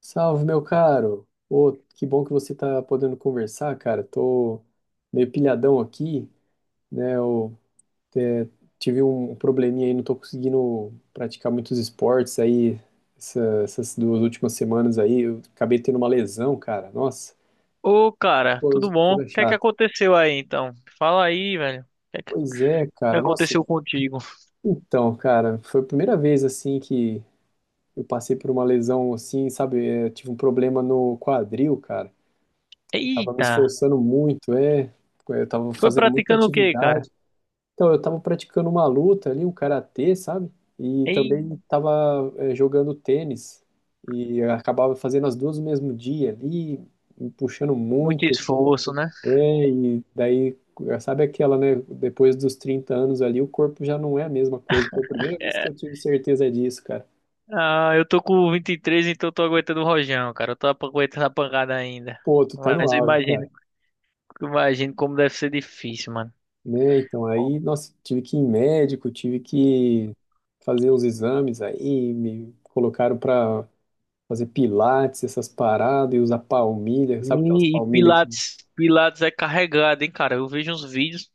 Salve, meu caro. Ô, que bom que você tá podendo conversar, cara. Tô meio pilhadão aqui, né? Eu é, tive um probleminha aí, não tô conseguindo praticar muitos esportes aí essas 2 últimas semanas aí. Eu acabei tendo uma lesão, cara. Nossa, Ô, cara, tudo coisa bom? O coisa que é que chata. aconteceu aí, então? Fala aí, velho. O que é que Pois é, cara. Nossa, aconteceu contigo? então, cara, foi a primeira vez assim que eu passei por uma lesão assim, sabe? É, tive um problema no quadril, cara. Tava me Eita, esforçando muito, é. Eu tava foi fazendo muita praticando o quê, cara? atividade. Então, eu tava praticando uma luta ali, um karatê, sabe? E Ei, também tava jogando tênis. E eu acabava fazendo as duas no mesmo dia ali, me puxando muito muito. esforço, né? É, e daí, sabe aquela, né? Depois dos 30 anos ali, o corpo já não é a mesma coisa. Foi a primeira vez que É, eu tive certeza disso, cara. ah, eu tô com 23, então eu tô aguentando o rojão, cara. Eu tô aguentando a pancada ainda. Pô, tu tá no Mas eu auge, cara, imagino, eu imagino como deve ser difícil, mano. né? Então Pô. aí, nossa, tive que ir em médico, tive que fazer uns exames aí, me colocaram para fazer pilates, essas paradas, e usar palmilha, sabe aquelas E palmilhas que, Pilates, Pilates é carregado, hein, cara? Eu vejo uns vídeos.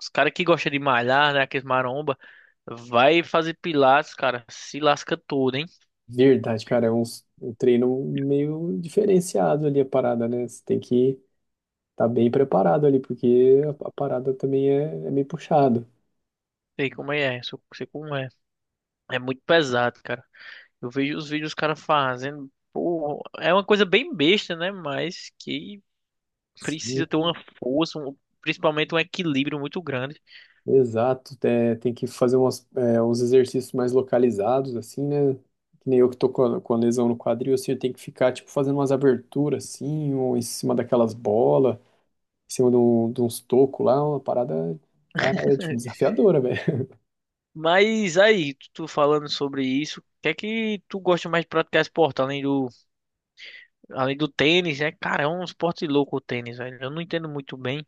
Os caras que gostam de malhar, né? Aqueles maromba, vai fazer pilates, cara, se lasca todo, hein? verdade, cara, é um treino meio diferenciado ali a parada, né? Você tem que estar bem preparado ali, porque a parada também é meio puxado. Sei como é, sei como é. É muito pesado, cara. Eu vejo os vídeos os caras fazendo, pô, é uma coisa bem besta, né? Mas que Sim, precisa ter uma força, um- principalmente um equilíbrio muito grande. exato, é, tem que fazer uns exercícios mais localizados, assim, né? Que nem eu que tô com a lesão no quadril, assim, eu tenho que ficar, tipo, fazendo umas aberturas, assim, ou em cima daquelas bolas, em cima de uns tocos lá, uma parada, cara, é, tipo, desafiadora, velho. Mas aí, tu falando sobre isso, o que é que tu gosta mais de praticar esporte, além do tênis, né? Cara, é um esporte louco o tênis, velho. Eu não entendo muito bem,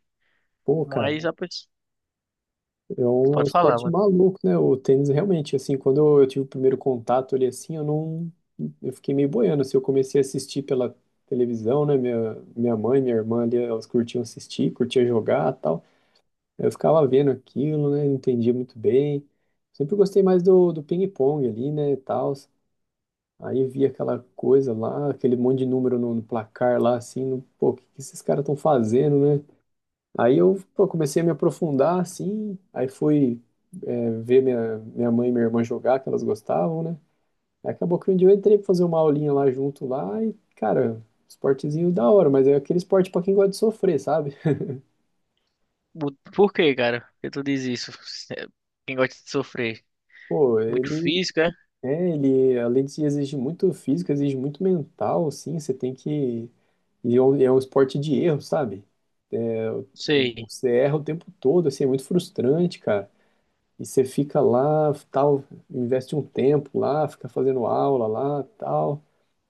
Pô, cara, mas a pessoa... é um Pode falar, esporte mano. maluco, né? O tênis, realmente, assim, quando eu, tive o primeiro contato ali, assim, eu não... Eu fiquei meio boiando, assim, eu comecei a assistir pela televisão, né? Minha mãe, minha irmã ali, elas curtiam assistir, curtiam jogar e tal. Eu ficava vendo aquilo, né? Não entendia muito bem. Sempre gostei mais do, ping-pong ali, né? E tal. Aí via aquela coisa lá, aquele monte de número no placar lá, assim, no, pô, o que que esses caras estão fazendo, né? Aí eu, pô, comecei a me aprofundar, assim, aí fui, é, ver minha, mãe e minha irmã jogar, que elas gostavam, né? Aí acabou que um dia eu entrei pra fazer uma aulinha lá junto lá e, cara, esportezinho da hora, mas é aquele esporte pra quem gosta de sofrer, sabe? Por que, cara? Por que tu diz isso? É, quem gosta de sofrer? Pô, Muito ele físico, é? É, ele, além de exigir muito físico, exige muito mental, assim, você tem que... E é um, esporte de erro, sabe? Sei. Você erra o tempo todo, assim, é muito frustrante, cara. E você fica lá, tal, investe um tempo lá, fica fazendo aula lá, tal.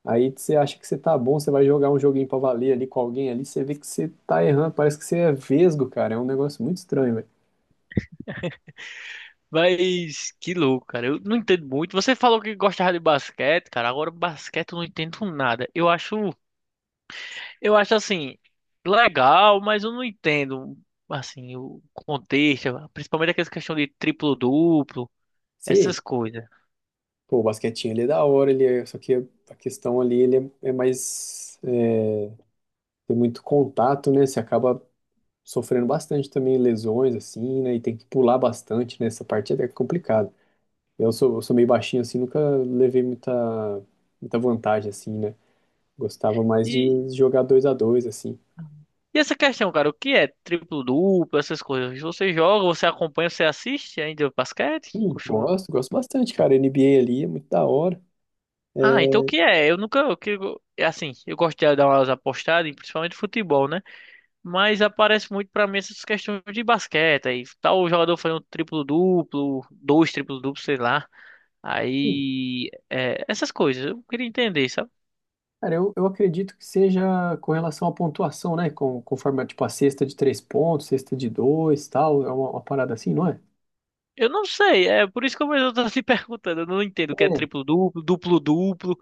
Aí você acha que você tá bom, você vai jogar um joguinho pra valer ali com alguém ali, você vê que você tá errando, parece que você é vesgo, cara. É um negócio muito estranho, velho. Mas que louco, cara. Eu não entendo muito. Você falou que gostava de basquete, cara. Agora basquete eu não entendo nada. Eu acho assim, legal, mas eu não entendo assim o contexto, principalmente aquela questão de triplo-duplo, Sim, essas coisas. pô, o basquetinho ele é da hora, ele é, só que a questão ali ele é mais tem muito contato, né? Você acaba sofrendo bastante também lesões, assim, né? E tem que pular bastante, nessa essa parte é até complicada. Eu sou, meio baixinho, assim, nunca levei muita vantagem, assim, né? Gostava mais de E, jogar dois a dois, assim. e essa questão, cara, o que é triplo-duplo, essas coisas? Você joga, você acompanha, você assiste ainda o basquete? Sim, Costuma. gosto, gosto bastante, cara. NBA ali é muito da hora. Ah, então o que é? Eu nunca, é assim, eu gosto de dar umas apostadas em, principalmente futebol, né? Mas aparece muito pra mim essas questões de basquete, aí tal jogador fazendo um triplo-duplo, dois triplo-duplos, sei lá. Sim. Aí, é, essas coisas, eu queria entender, sabe? Cara, eu, acredito que seja com relação à pontuação, né? Com, conforme, tipo, a cesta de três pontos, cesta de dois, tal. É uma, parada assim, não é? Eu não sei, é por isso que eu mesmo tô se perguntando, eu não entendo o que é É. triplo-duplo, duplo-duplo,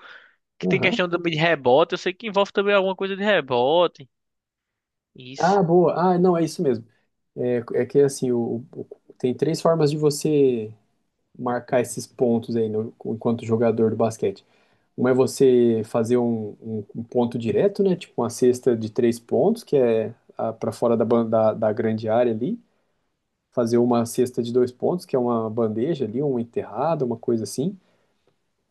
que tem Aham. questão também de rebote, eu sei que envolve também alguma coisa de rebote, isso. Ah, boa. Ah, não, é isso mesmo. É, é que assim, tem três formas de você marcar esses pontos aí no- enquanto jogador do basquete. Uma é você fazer um, um ponto direto, né? Tipo uma cesta de três pontos, que é para fora da grande área ali. Fazer uma cesta de dois pontos, que é uma bandeja ali, uma enterrada, uma coisa assim.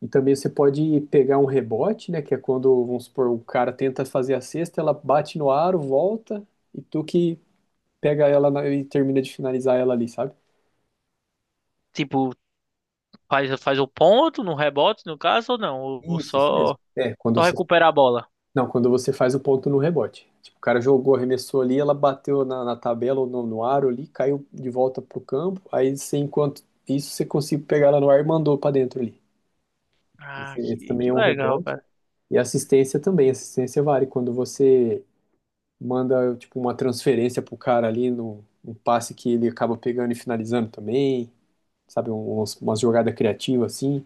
E também você pode pegar um rebote, né? Que é quando, vamos supor, o cara tenta fazer a cesta, ela bate no aro, volta, e tu que pega ela na- e termina de finalizar ela ali, sabe? Tipo, faz o ponto no rebote, no caso, ou não? Ou Isso mesmo. só É, quando só você. recuperar a bola. Não, quando você faz o ponto no rebote. Tipo, o cara jogou, arremessou ali, ela bateu na tabela ou no aro ali, caiu de volta pro campo. Aí você, enquanto isso, você conseguiu pegar ela no ar e mandou pra dentro ali. Ah, Esse, também que é um legal, rebote. cara. E assistência também. Assistência vale quando você manda, tipo, uma transferência pro cara ali no, um passe que ele acaba pegando e finalizando também. Sabe, umas, jogadas criativas assim.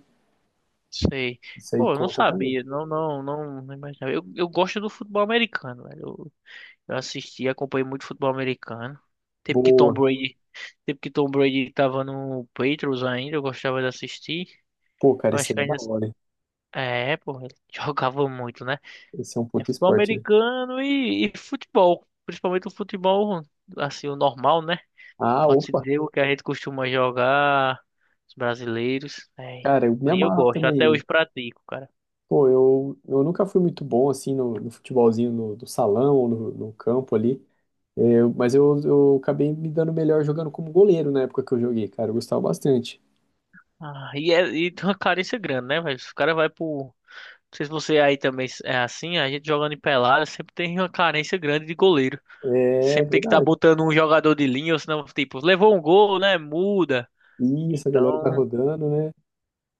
Sei. Isso aí Pô, eu não conta também. sabia. Não, não, não, não imaginava. Eu gosto do futebol americano, velho. Eu assisti, acompanhei muito futebol americano. Tempo que Tom Boa. Brady, tempo que Tom Brady tava no Patriots ainda, eu gostava de assistir. Pô, cara, Eu isso acho aí que é da ainda. hora, hein? É, pô, ele jogava muito, né? Esse é um É puto futebol esporte, né? americano e futebol. Principalmente o futebol, assim, o normal, né? Ah, Pode-se opa, dizer o que a gente costuma jogar, os brasileiros. É, e cara, eu me eu amarro gosto, até também. hoje pratico, cara. Pô, eu, nunca fui muito bom assim no futebolzinho no, do salão ou no campo ali. É, mas eu, acabei me dando melhor jogando como goleiro na época que eu joguei, cara. Eu gostava bastante. Ah, e, é, e tem uma carência grande, né, velho? Os caras vai pro. Não sei se você aí também é assim, a gente jogando em pelada sempre tem uma carência grande de goleiro. É Sempre tem que estar verdade. botando um jogador de linha, ou senão, tipo, levou um gol, né? Muda. Isso, a galera tá Então, rodando, né?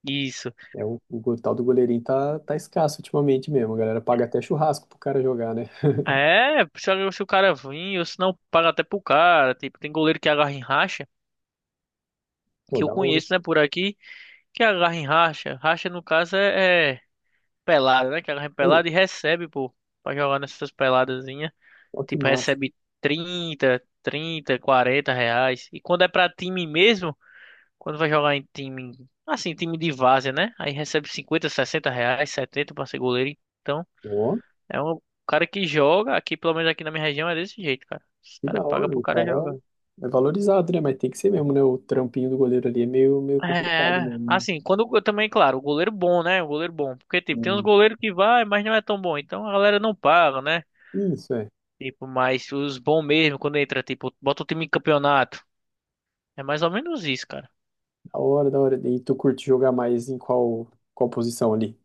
isso. É, o, tal do goleirinho tá escasso ultimamente mesmo. A galera paga até churrasco pro cara jogar, né? É, se o cara vir, ou senão paga até pro cara. Tipo, tem goleiro que agarra em racha, Pô, que eu da hora. conheço, né, por aqui. Que agarra em racha. Racha, no caso, é pelada, né? Que agarra em Ei, pelada e recebe, pô, pra jogar nessas peladazinhas. ó que Tipo, massa. recebe 30, 30, R$ 40. E quando é pra time mesmo, quando vai jogar em time, assim, time de várzea, né? Aí recebe 50, R$ 60, 70 pra ser goleiro. Então, Ó. é um cara que joga, aqui, pelo menos aqui na minha região, é desse jeito, cara. Os Que da caras pagam hora, pro o cara cara jogar. é valorizado, né? Mas tem que ser mesmo, né? O trampinho do goleiro ali é meio complicado É, mesmo. assim, quando eu também, claro, o goleiro bom, né? O goleiro bom. Porque, tipo, tem uns Né? goleiros que vai, mas não é tão bom. Então a galera não paga, né? É. É, isso, é. Tipo, mas os bons mesmo, quando entra, tipo, bota o time em campeonato. É mais ou menos isso, cara. Da hora, da hora. E tu curte jogar mais em qual, qual posição ali?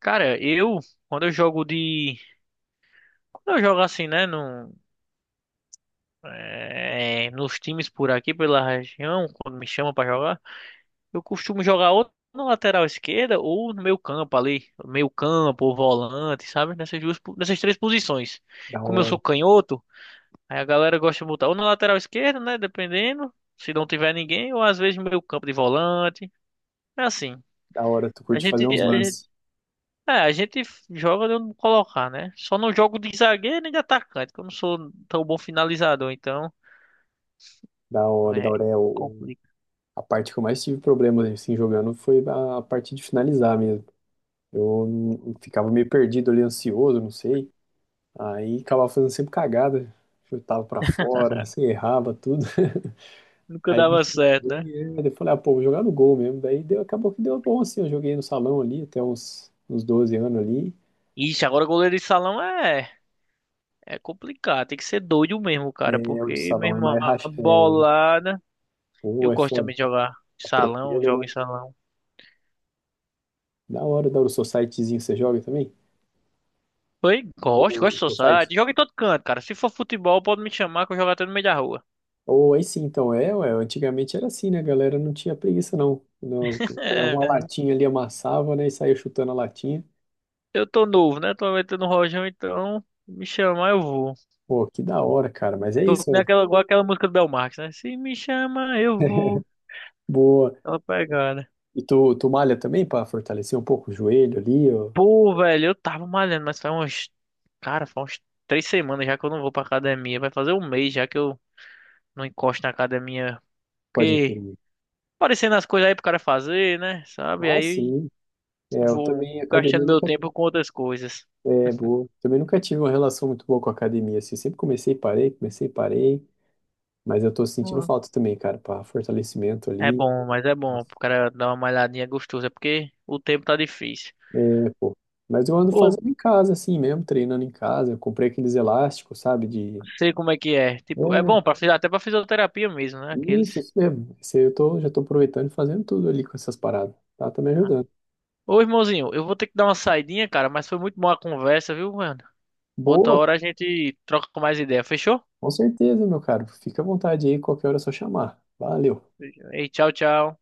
Cara, eu, quando eu jogo de. Quando eu jogo assim, né? No, é, nos times por aqui, pela região, quando me chamam pra jogar, eu costumo jogar ou na lateral esquerda ou no meio campo ali. Meio campo ou volante, sabe? Nessas três posições. Da Como eu hora, sou canhoto. Aí a galera gosta de botar ou na lateral esquerda, né? Dependendo. Se não tiver ninguém, ou às vezes no meio campo de volante. É assim. da hora. Tu A curte gente, fazer uns a gente, lances. a gente joga de onde colocar, né? Só não jogo de zagueiro nem de atacante, que eu não sou tão bom finalizador, então. Da hora, da É, hora. É, complica. a parte que eu mais tive problemas, assim, jogando foi a parte de finalizar mesmo. Eu ficava meio perdido ali, ansioso, não sei. Aí acabava fazendo sempre cagada. Chutava pra fora, assim, errava tudo. Nunca Aí me dava certo, né? frustrou e aí eu falei, ah, pô, vou jogar no gol mesmo. Daí deu, acabou que deu bom, assim. Eu joguei no salão ali até uns, 12 anos ali. Ixi, agora goleiro de salão é complicado. Tem que ser doido mesmo, cara, É, o de porque salão é mesmo mais a racha, é, bolada. pô, Eu é gosto foda, também de jogar em salão, atropelo, jogo em né? salão. Da hora, da hora. O societyzinho você joga também? Foi, O, gosto, gosto do society? Society. Jogo em todo canto, cara. Se for futebol, pode me chamar que eu jogo até no meio da rua. Ou aí sim, então, é, ué, antigamente era assim, né? A galera não tinha preguiça, não. Pegava uma É, latinha ali, amassava, né? E saía chutando a latinha. eu tô novo, né? Tô metendo no rojão, então me chamar eu vou. Pô, que da hora, cara. Mas é Tô isso, com ó. aquela, igual aquela música do Belmarx, né? Se me chama eu vou. Boa. Aquela pegada. E tu, malha também pra fortalecer um pouco o joelho ali, ó? Pô, velho, eu tava malhando, mas faz uns. Cara, faz uns 3 semanas já que eu não vou pra academia. Vai fazer um mês já que eu não encosto na academia. Pode Porque incluir. aparecendo as coisas aí pro cara fazer, né? Sabe? Ah, Aí sim. É, eu vou também, academia gastando meu nunca. tempo com outras coisas. É, boa. Também nunca tive uma relação muito boa com a academia, assim. Sempre comecei e parei, comecei e parei. Mas eu tô sentindo falta também, cara, para fortalecimento É ali. bom, mas é bom Nossa. pro cara dar uma malhadinha gostosa, porque o tempo tá difícil. É, pô. Mas eu ando Ou fazendo em casa, assim mesmo, treinando em casa. Eu comprei aqueles elásticos, sabe? De. sei como é que é. Tipo, é bom É, para até pra fisioterapia mesmo, né? isso, Aqueles. isso mesmo. Isso aí eu tô, já tô aproveitando e fazendo tudo ali com essas paradas. Tá, tá me Né? ajudando. Ô, irmãozinho, eu vou ter que dar uma saidinha, cara, mas foi muito boa a conversa, viu, mano? Outra Boa, hora a gente troca mais ideia, fechou? com certeza, meu caro. Fica à vontade aí, qualquer hora é só chamar. Valeu. E tchau, tchau.